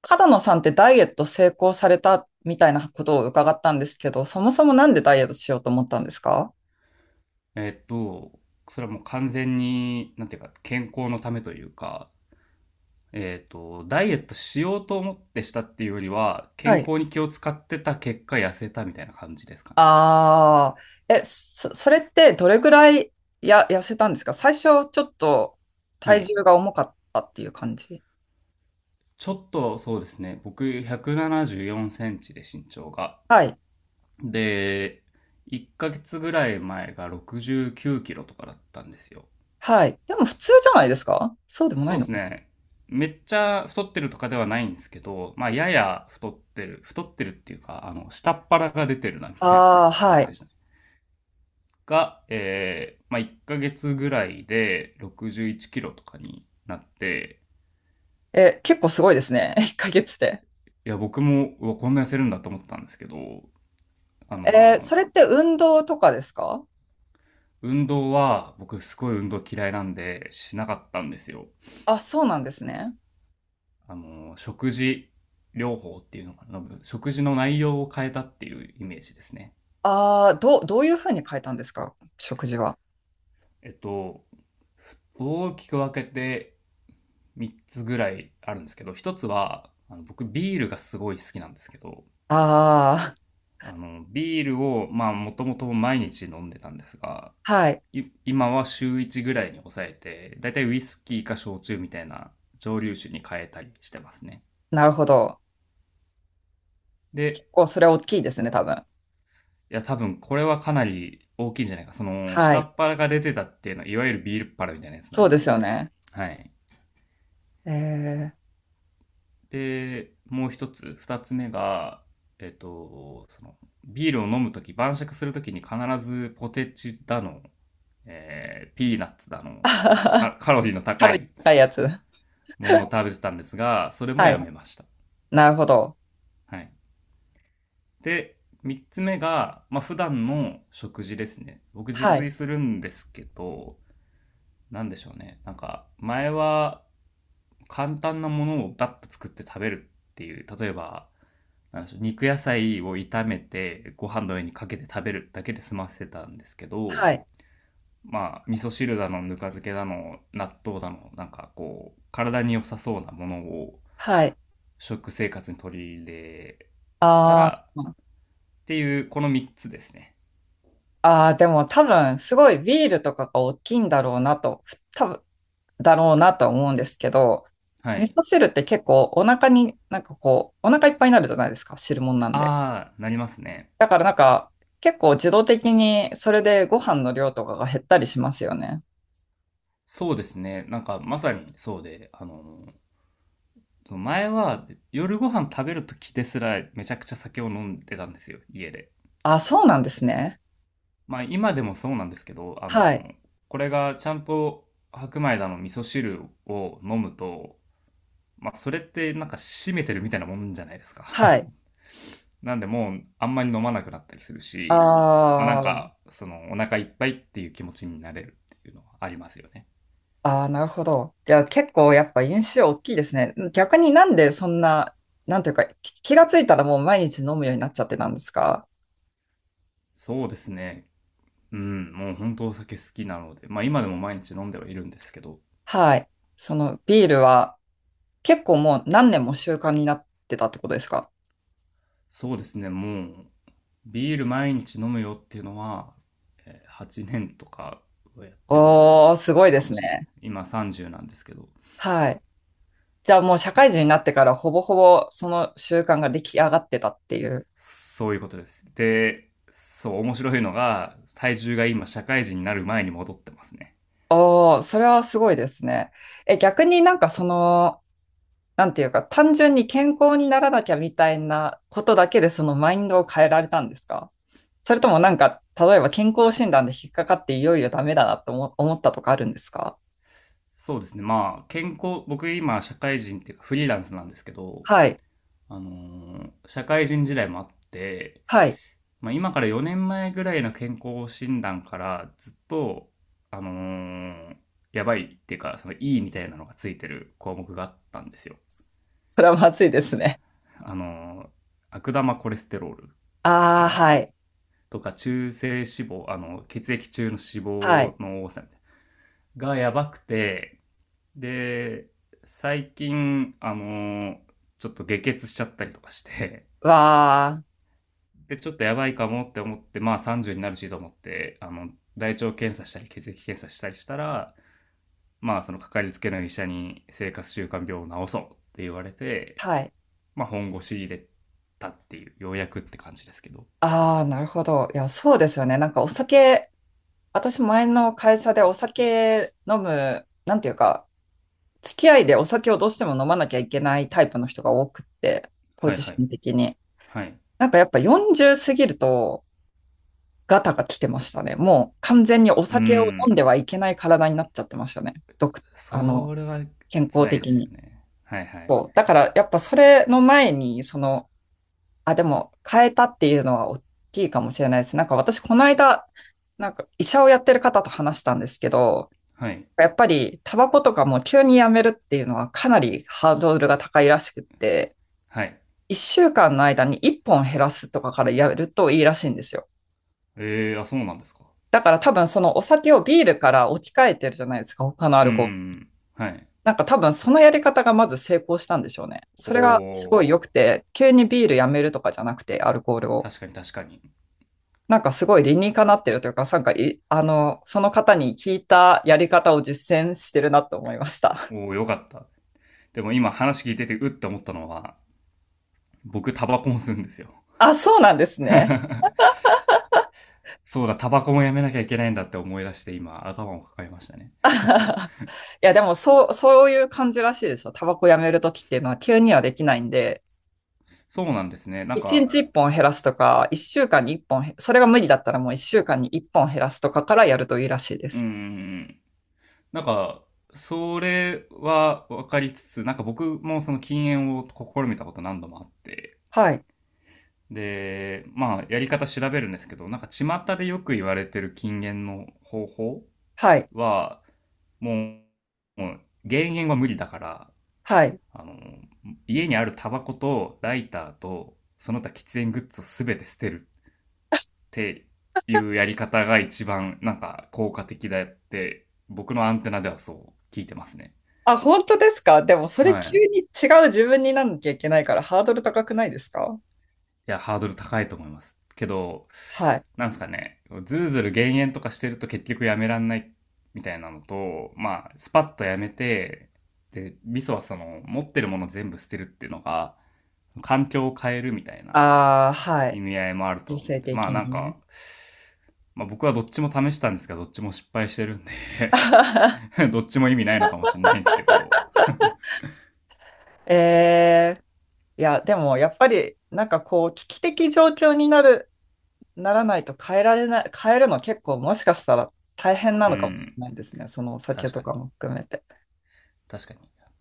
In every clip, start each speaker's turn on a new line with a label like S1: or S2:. S1: 角野さんってダイエット成功されたみたいなことを伺ったんですけど、そもそもなんでダイエットしようと思ったんですか？
S2: えっと、それはもう完全に、なんていうか、健康のためというか、ダイエットしようと思ってしたっていうよりは、
S1: は
S2: 健
S1: い。
S2: 康に気を使ってた結果痩せたみたいな感じですかね。
S1: ああ。それってどれぐらい痩せたんですか、最初。ちょっと
S2: は
S1: 体
S2: い。
S1: 重が重かったっていう感じ。
S2: ちょっとそうですね、僕174センチで身長が。
S1: はい。
S2: で、1ヶ月ぐらい前が69キロとかだったんですよ。
S1: はい。でも普通じゃないですか？そうでもな
S2: そ
S1: い
S2: うで
S1: の？
S2: すね。めっちゃ太ってるとかではないんですけど、まあ、やや太ってる、太ってるっていうか、下っ腹が出てるな、みたいな
S1: ああー、
S2: 感
S1: は
S2: じでし
S1: い。
S2: たね。が、まあ、1ヶ月ぐらいで61キロとかになって、
S1: え、結構すごいですね。1ヶ月で。
S2: いや、僕も、うわ、こんな痩せるんだと思ったんですけど、あ
S1: えー、
S2: の、
S1: それって運動とかですか？
S2: 運動は、僕すごい運動嫌いなんで、しなかったんですよ。
S1: あ、そうなんですね。
S2: 食事療法っていうのかな、食事の内容を変えたっていうイメージですね。
S1: ああ、どういうふうに変えたんですか、食事は。
S2: えっと、大きく分けて3つぐらいあるんですけど、一つは、僕ビールがすごい好きなんですけど、
S1: あ
S2: ビールを、まあ、もともと毎日飲んでたんですが、
S1: あ、はい。
S2: 今は週1ぐらいに抑えて、だいたいウイスキーか焼酎みたいな蒸留酒に変えたりしてますね。
S1: なるほど。結
S2: で、
S1: 構それは大きいですね、多分。
S2: いや、多分これはかなり大きいんじゃないか。その、
S1: は
S2: 下
S1: い。
S2: っ腹が出てたっていうのは、いわゆるビールっ腹みたいなやつな
S1: そう
S2: ん
S1: です
S2: で、
S1: よね。
S2: はい。
S1: えー。
S2: で、もう一つ、二つ目が、えっと、その、ビールを飲むとき、晩酌するときに必ずポテチだの、ピーナッツだ
S1: あ
S2: の、
S1: は
S2: なんか
S1: は。
S2: カカロリーの 高
S1: 軽い
S2: い
S1: 高いやつ。
S2: ものを食べてたんですが、それも
S1: は
S2: や
S1: い。
S2: めました。
S1: なるほど。
S2: はい。で、三つ目が、まあ、普段の食事ですね。僕自
S1: は
S2: 炊
S1: い。
S2: するんですけど、なんでしょうね。なんか、前は簡単なものをバッと作って食べるっていう、例えば、なんでしょう、肉野菜を炒めてご飯の上にかけて食べるだけで済ませてたんですけど、
S1: はい。
S2: まあ味噌汁だのぬか漬けだの納豆だのなんかこう体に良さそうなものを
S1: はい。
S2: 食生活に取り入れた
S1: あ
S2: ら
S1: ー。
S2: っていう、この3つですね。
S1: あー、でも多分、すごいビールとかが大きいんだろうなと、多分、だろうなと思うんですけど、
S2: は
S1: 味
S2: い。
S1: 噌汁って結構お腹に、なんかこう、お腹いっぱいになるじゃないですか、汁物なんで。
S2: ああ、なりますね。
S1: だからなんか、結構自動的にそれでご飯の量とかが減ったりしますよね。
S2: そうですね、なんかまさにそうで、その前は夜ご飯食べる時ですらめちゃくちゃ酒を飲んでたんですよ、家で。
S1: あ、そうなんですね。
S2: まあ今でもそうなんですけど、
S1: はい。
S2: これがちゃんと白米だの味噌汁を飲むと、まあそれってなんか締めてるみたいなもんじゃないですか。
S1: は い。
S2: なんでもうあんまり飲まなくなったりする
S1: あ
S2: し、まあなん
S1: ー。
S2: かそのお腹いっぱいっていう気持ちになれるっていうのはありますよね。
S1: あー、なるほど。じゃあ結構やっぱ印象大きいですね。逆になんでそんな、なんというか、気がついたらもう毎日飲むようになっちゃってたんですか？
S2: そうですね。うん、もう本当お酒好きなので、まあ今でも毎日飲んではいるんですけど、
S1: はい。そのビールは結構もう何年も習慣になってたってことですか？
S2: そうですね、もうビール毎日飲むよっていうのは、8年とかはやってる
S1: おー、すごいで
S2: かも
S1: す
S2: しれないです。
S1: ね。
S2: 今30なんですけど、
S1: はい。じゃあもう社会人になってからほぼほぼその習慣が出来上がってたっていう。
S2: そういうことです。で、そう、面白いのが、体重が今社会人になる前に戻ってますね。
S1: おー、それはすごいですね。え、逆になんかその、なんていうか、単純に健康にならなきゃみたいなことだけでそのマインドを変えられたんですか？それともなんか、例えば健康診断で引っかかっていよいよダメだなと思ったとかあるんですか？
S2: そうですね。まあ、健康、僕今社会人っていうかフリーランスなんですけど、
S1: はい。
S2: あの社会人時代もあって、
S1: はい。
S2: まあ今から4年前ぐらいの健康診断からずっと、あのーやばいっていうか、そのいいみたいなのがついてる項目があったんですよ。
S1: それはまずいですね。
S2: あのー悪玉コレステロール
S1: あ
S2: か
S1: あ、
S2: な
S1: はい。
S2: とか中性脂肪、血液中の脂
S1: はい。
S2: 肪の多さみたいながやばくて、で、最近、ちょっと下血しちゃったりとかして、
S1: わあ。
S2: で、ちょっとやばいかもって思って、まあ30になるしと思って、大腸検査したり血液検査したりしたら、まあそのかかりつけの医者に生活習慣病を治そうって言われて、
S1: はい。
S2: まあ本腰入れたっていう、ようやくって感じですけど。
S1: ああ、なるほど。いや、そうですよね。なんかお酒、私前の会社でお酒飲む、なんていうか、付き合いでお酒をどうしても飲まなきゃいけないタイプの人が多くって、ポ
S2: はい
S1: ジ
S2: は
S1: シ
S2: い。
S1: ョン的に。
S2: はい。
S1: なんかやっぱ40過ぎるとガタが来てましたね。もう完全にお
S2: うー
S1: 酒を飲ん
S2: ん。
S1: ではいけない体になっちゃってましたね。あ
S2: そ
S1: の、
S2: れは
S1: 健康
S2: 辛いで
S1: 的
S2: すよ
S1: に。
S2: ね。はいはい。
S1: そう。だからやっぱそれの前に、その、あ、でも変えたっていうのは大きいかもしれないです。なんか私この間、なんか医者をやってる方と話したんですけど、
S2: はい。
S1: やっぱりタバコとかも急にやめるっていうのはかなりハードルが高いらしくって、
S2: はい。
S1: 1週間の間に1本減らすとかからやるといいらしいんですよ。
S2: えーあ、そうなんですか。
S1: だから多分そのお酒をビールから置き換えてるじゃないですか、他のア
S2: うん
S1: ル
S2: うん
S1: コ
S2: う
S1: ール。
S2: ん。はい。
S1: なんか多分そのやり方がまず成功したんでしょうね。
S2: お
S1: それがすごい良く
S2: ー、
S1: て、急にビールやめるとかじゃなくて、アルコールを。
S2: 確かに確かに。
S1: なんかすごい理にかなってるというか、なんかい、あの、その方に聞いたやり方を実践してるなと思いました。
S2: おー、よかった。でも今話聞いててうって思ったのは、僕タバコも吸うんですよ。
S1: あ、そうなんですね。
S2: そうだ、タバコもやめなきゃいけないんだって思い出して今頭を抱えましたね。
S1: いや、でもそう、そういう感じらしいですよ。タバコやめるときっていうのは急にはできないんで、
S2: そうなんですね。なん
S1: 一
S2: か、
S1: 日一本減らすとか、一週間に一本へ、それが無理だったらもう一週間に一本減らすとかからやるといいらしいで
S2: うー
S1: す。
S2: ん。なんか、それは分かりつつ、なんか僕もその禁煙を試みたこと何度もあって、
S1: はい。
S2: で、まあ、やり方調べるんですけど、なんか巷でよく言われてる禁煙の方法
S1: はい。
S2: は、ももう減煙は無理だから、
S1: はい。
S2: あの、家にあるタバコとライターと、その他喫煙グッズをすべて捨てるっていうやり方が一番なんか効果的だって、僕のアンテナではそう聞いてますね。
S1: あ、本当ですか？でもそれ
S2: は
S1: 急
S2: い。
S1: に違う自分になんなきゃいけないからハードル高くないですか？
S2: や、ハードル高いと思います。けど、
S1: はい。
S2: なんですかね、ずるずる減塩とかしてると結局やめらんないみたいなのと、まあ、スパッとやめて、で、味噌はその、持ってるもの全部捨てるっていうのが、環境を変えるみたいな
S1: ああ、は
S2: 意
S1: い。
S2: 味合いもあると
S1: 女
S2: 思う
S1: 性
S2: んで、ま
S1: 的
S2: あなん
S1: に
S2: か、
S1: ね。
S2: まあ僕はどっちも試したんですが、どっちも失敗してるんで どっちも意味ないのかもしれないんですけど、
S1: えー。いや、でもやっぱり、なんかこう、危機的状況になる、ならないと変えられない、変えるの結構もしかしたら大変な
S2: う
S1: のかもし
S2: ん、
S1: れないですね。そのお酒
S2: 確
S1: と
S2: か
S1: か
S2: に、
S1: も含めて。
S2: 確かに。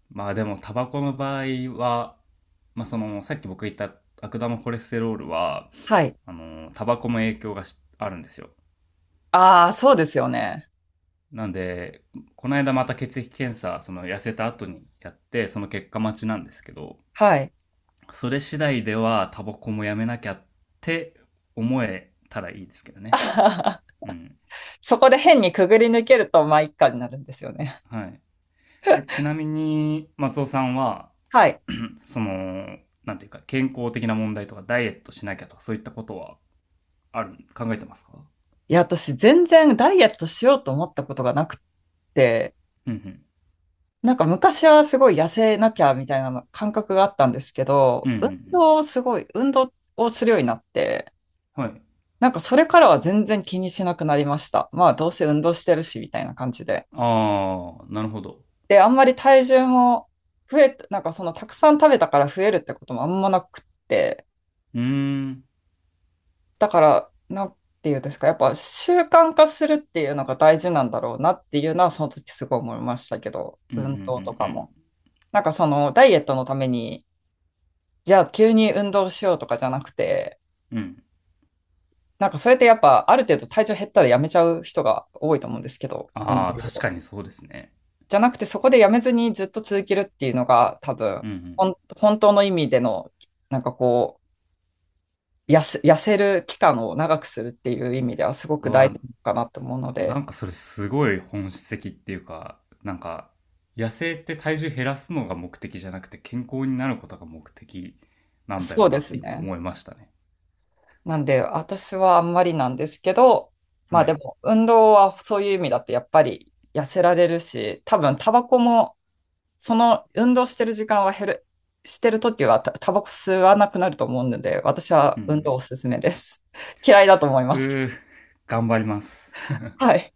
S2: まあでも、タバコの場合は、まあ、そのさっき僕言った悪玉コレステロールは、
S1: はい。
S2: タバコも影響があるんですよ。
S1: ああ、そうですよね。
S2: なんでこの間また血液検査、その痩せた後にやって、その結果待ちなんですけど、
S1: はい。
S2: それ次第ではタバコもやめなきゃって思えたらいいですけどね。 うん。
S1: そこで変にくぐり抜けると、まあ、一家になるんですよね。
S2: はい。ちなみに松尾さんは、
S1: はい。
S2: うん、そのなんていうか健康的な問題とかダイエットしなきゃとかそういったことはある、考えてますか？
S1: いや、私、全然ダイエットしようと思ったことがなくって、
S2: うん
S1: なんか昔はすごい痩せなきゃみたいなの感覚があったんですけ
S2: う
S1: ど、
S2: んうんうん。うん。
S1: 運動をするようになって、
S2: はい。
S1: なんかそれからは全然気にしなくなりました。まあ、どうせ運動してるし、みたいな感じで。
S2: ああ、なるほど。
S1: で、あんまり体重もなんかそのたくさん食べたから増えるってこともあんまなくって、
S2: うーん。
S1: だから、なんていうんですか、やっぱ習慣化するっていうのが大事なんだろうなっていうのは、その時すごい思いましたけど、
S2: うんうん
S1: 運動と
S2: う
S1: か
S2: ん
S1: も。なんかそのダイエットのために、じゃあ急に運動しようとかじゃなくて、
S2: うん。うん。
S1: なんかそれってやっぱある程度体重減ったらやめちゃう人が多いと思うんですけど、運
S2: あ
S1: 動
S2: あ、確
S1: を。
S2: かにそうですね。
S1: じゃなくてそこでやめずにずっと続けるっていうのが多分、
S2: うんうん。
S1: 本当の意味での、なんかこう、痩せる期間を長くするっていう意味ではすご
S2: う
S1: く大
S2: わ、
S1: 事なのかなと思うの
S2: な
S1: で、
S2: んかそれすごい本質的っていうか、なんか、痩せって体重減らすのが目的じゃなくて、健康になることが目的なんだ
S1: そ
S2: よ
S1: う
S2: な
S1: で
S2: って
S1: す
S2: 今
S1: ね。
S2: 思いましたね。
S1: なんで、私はあんまりなんですけど、ま
S2: は
S1: あで
S2: い。
S1: も、運動はそういう意味だとやっぱり痩せられるし、多分タバコも、その運動してる時間は減る、してる時はタバコ吸わなくなると思うので、私
S2: う
S1: は運動お
S2: ん
S1: すすめです。嫌いだと思い
S2: う
S1: ますけど。
S2: ん。うー、頑張ります。
S1: はい。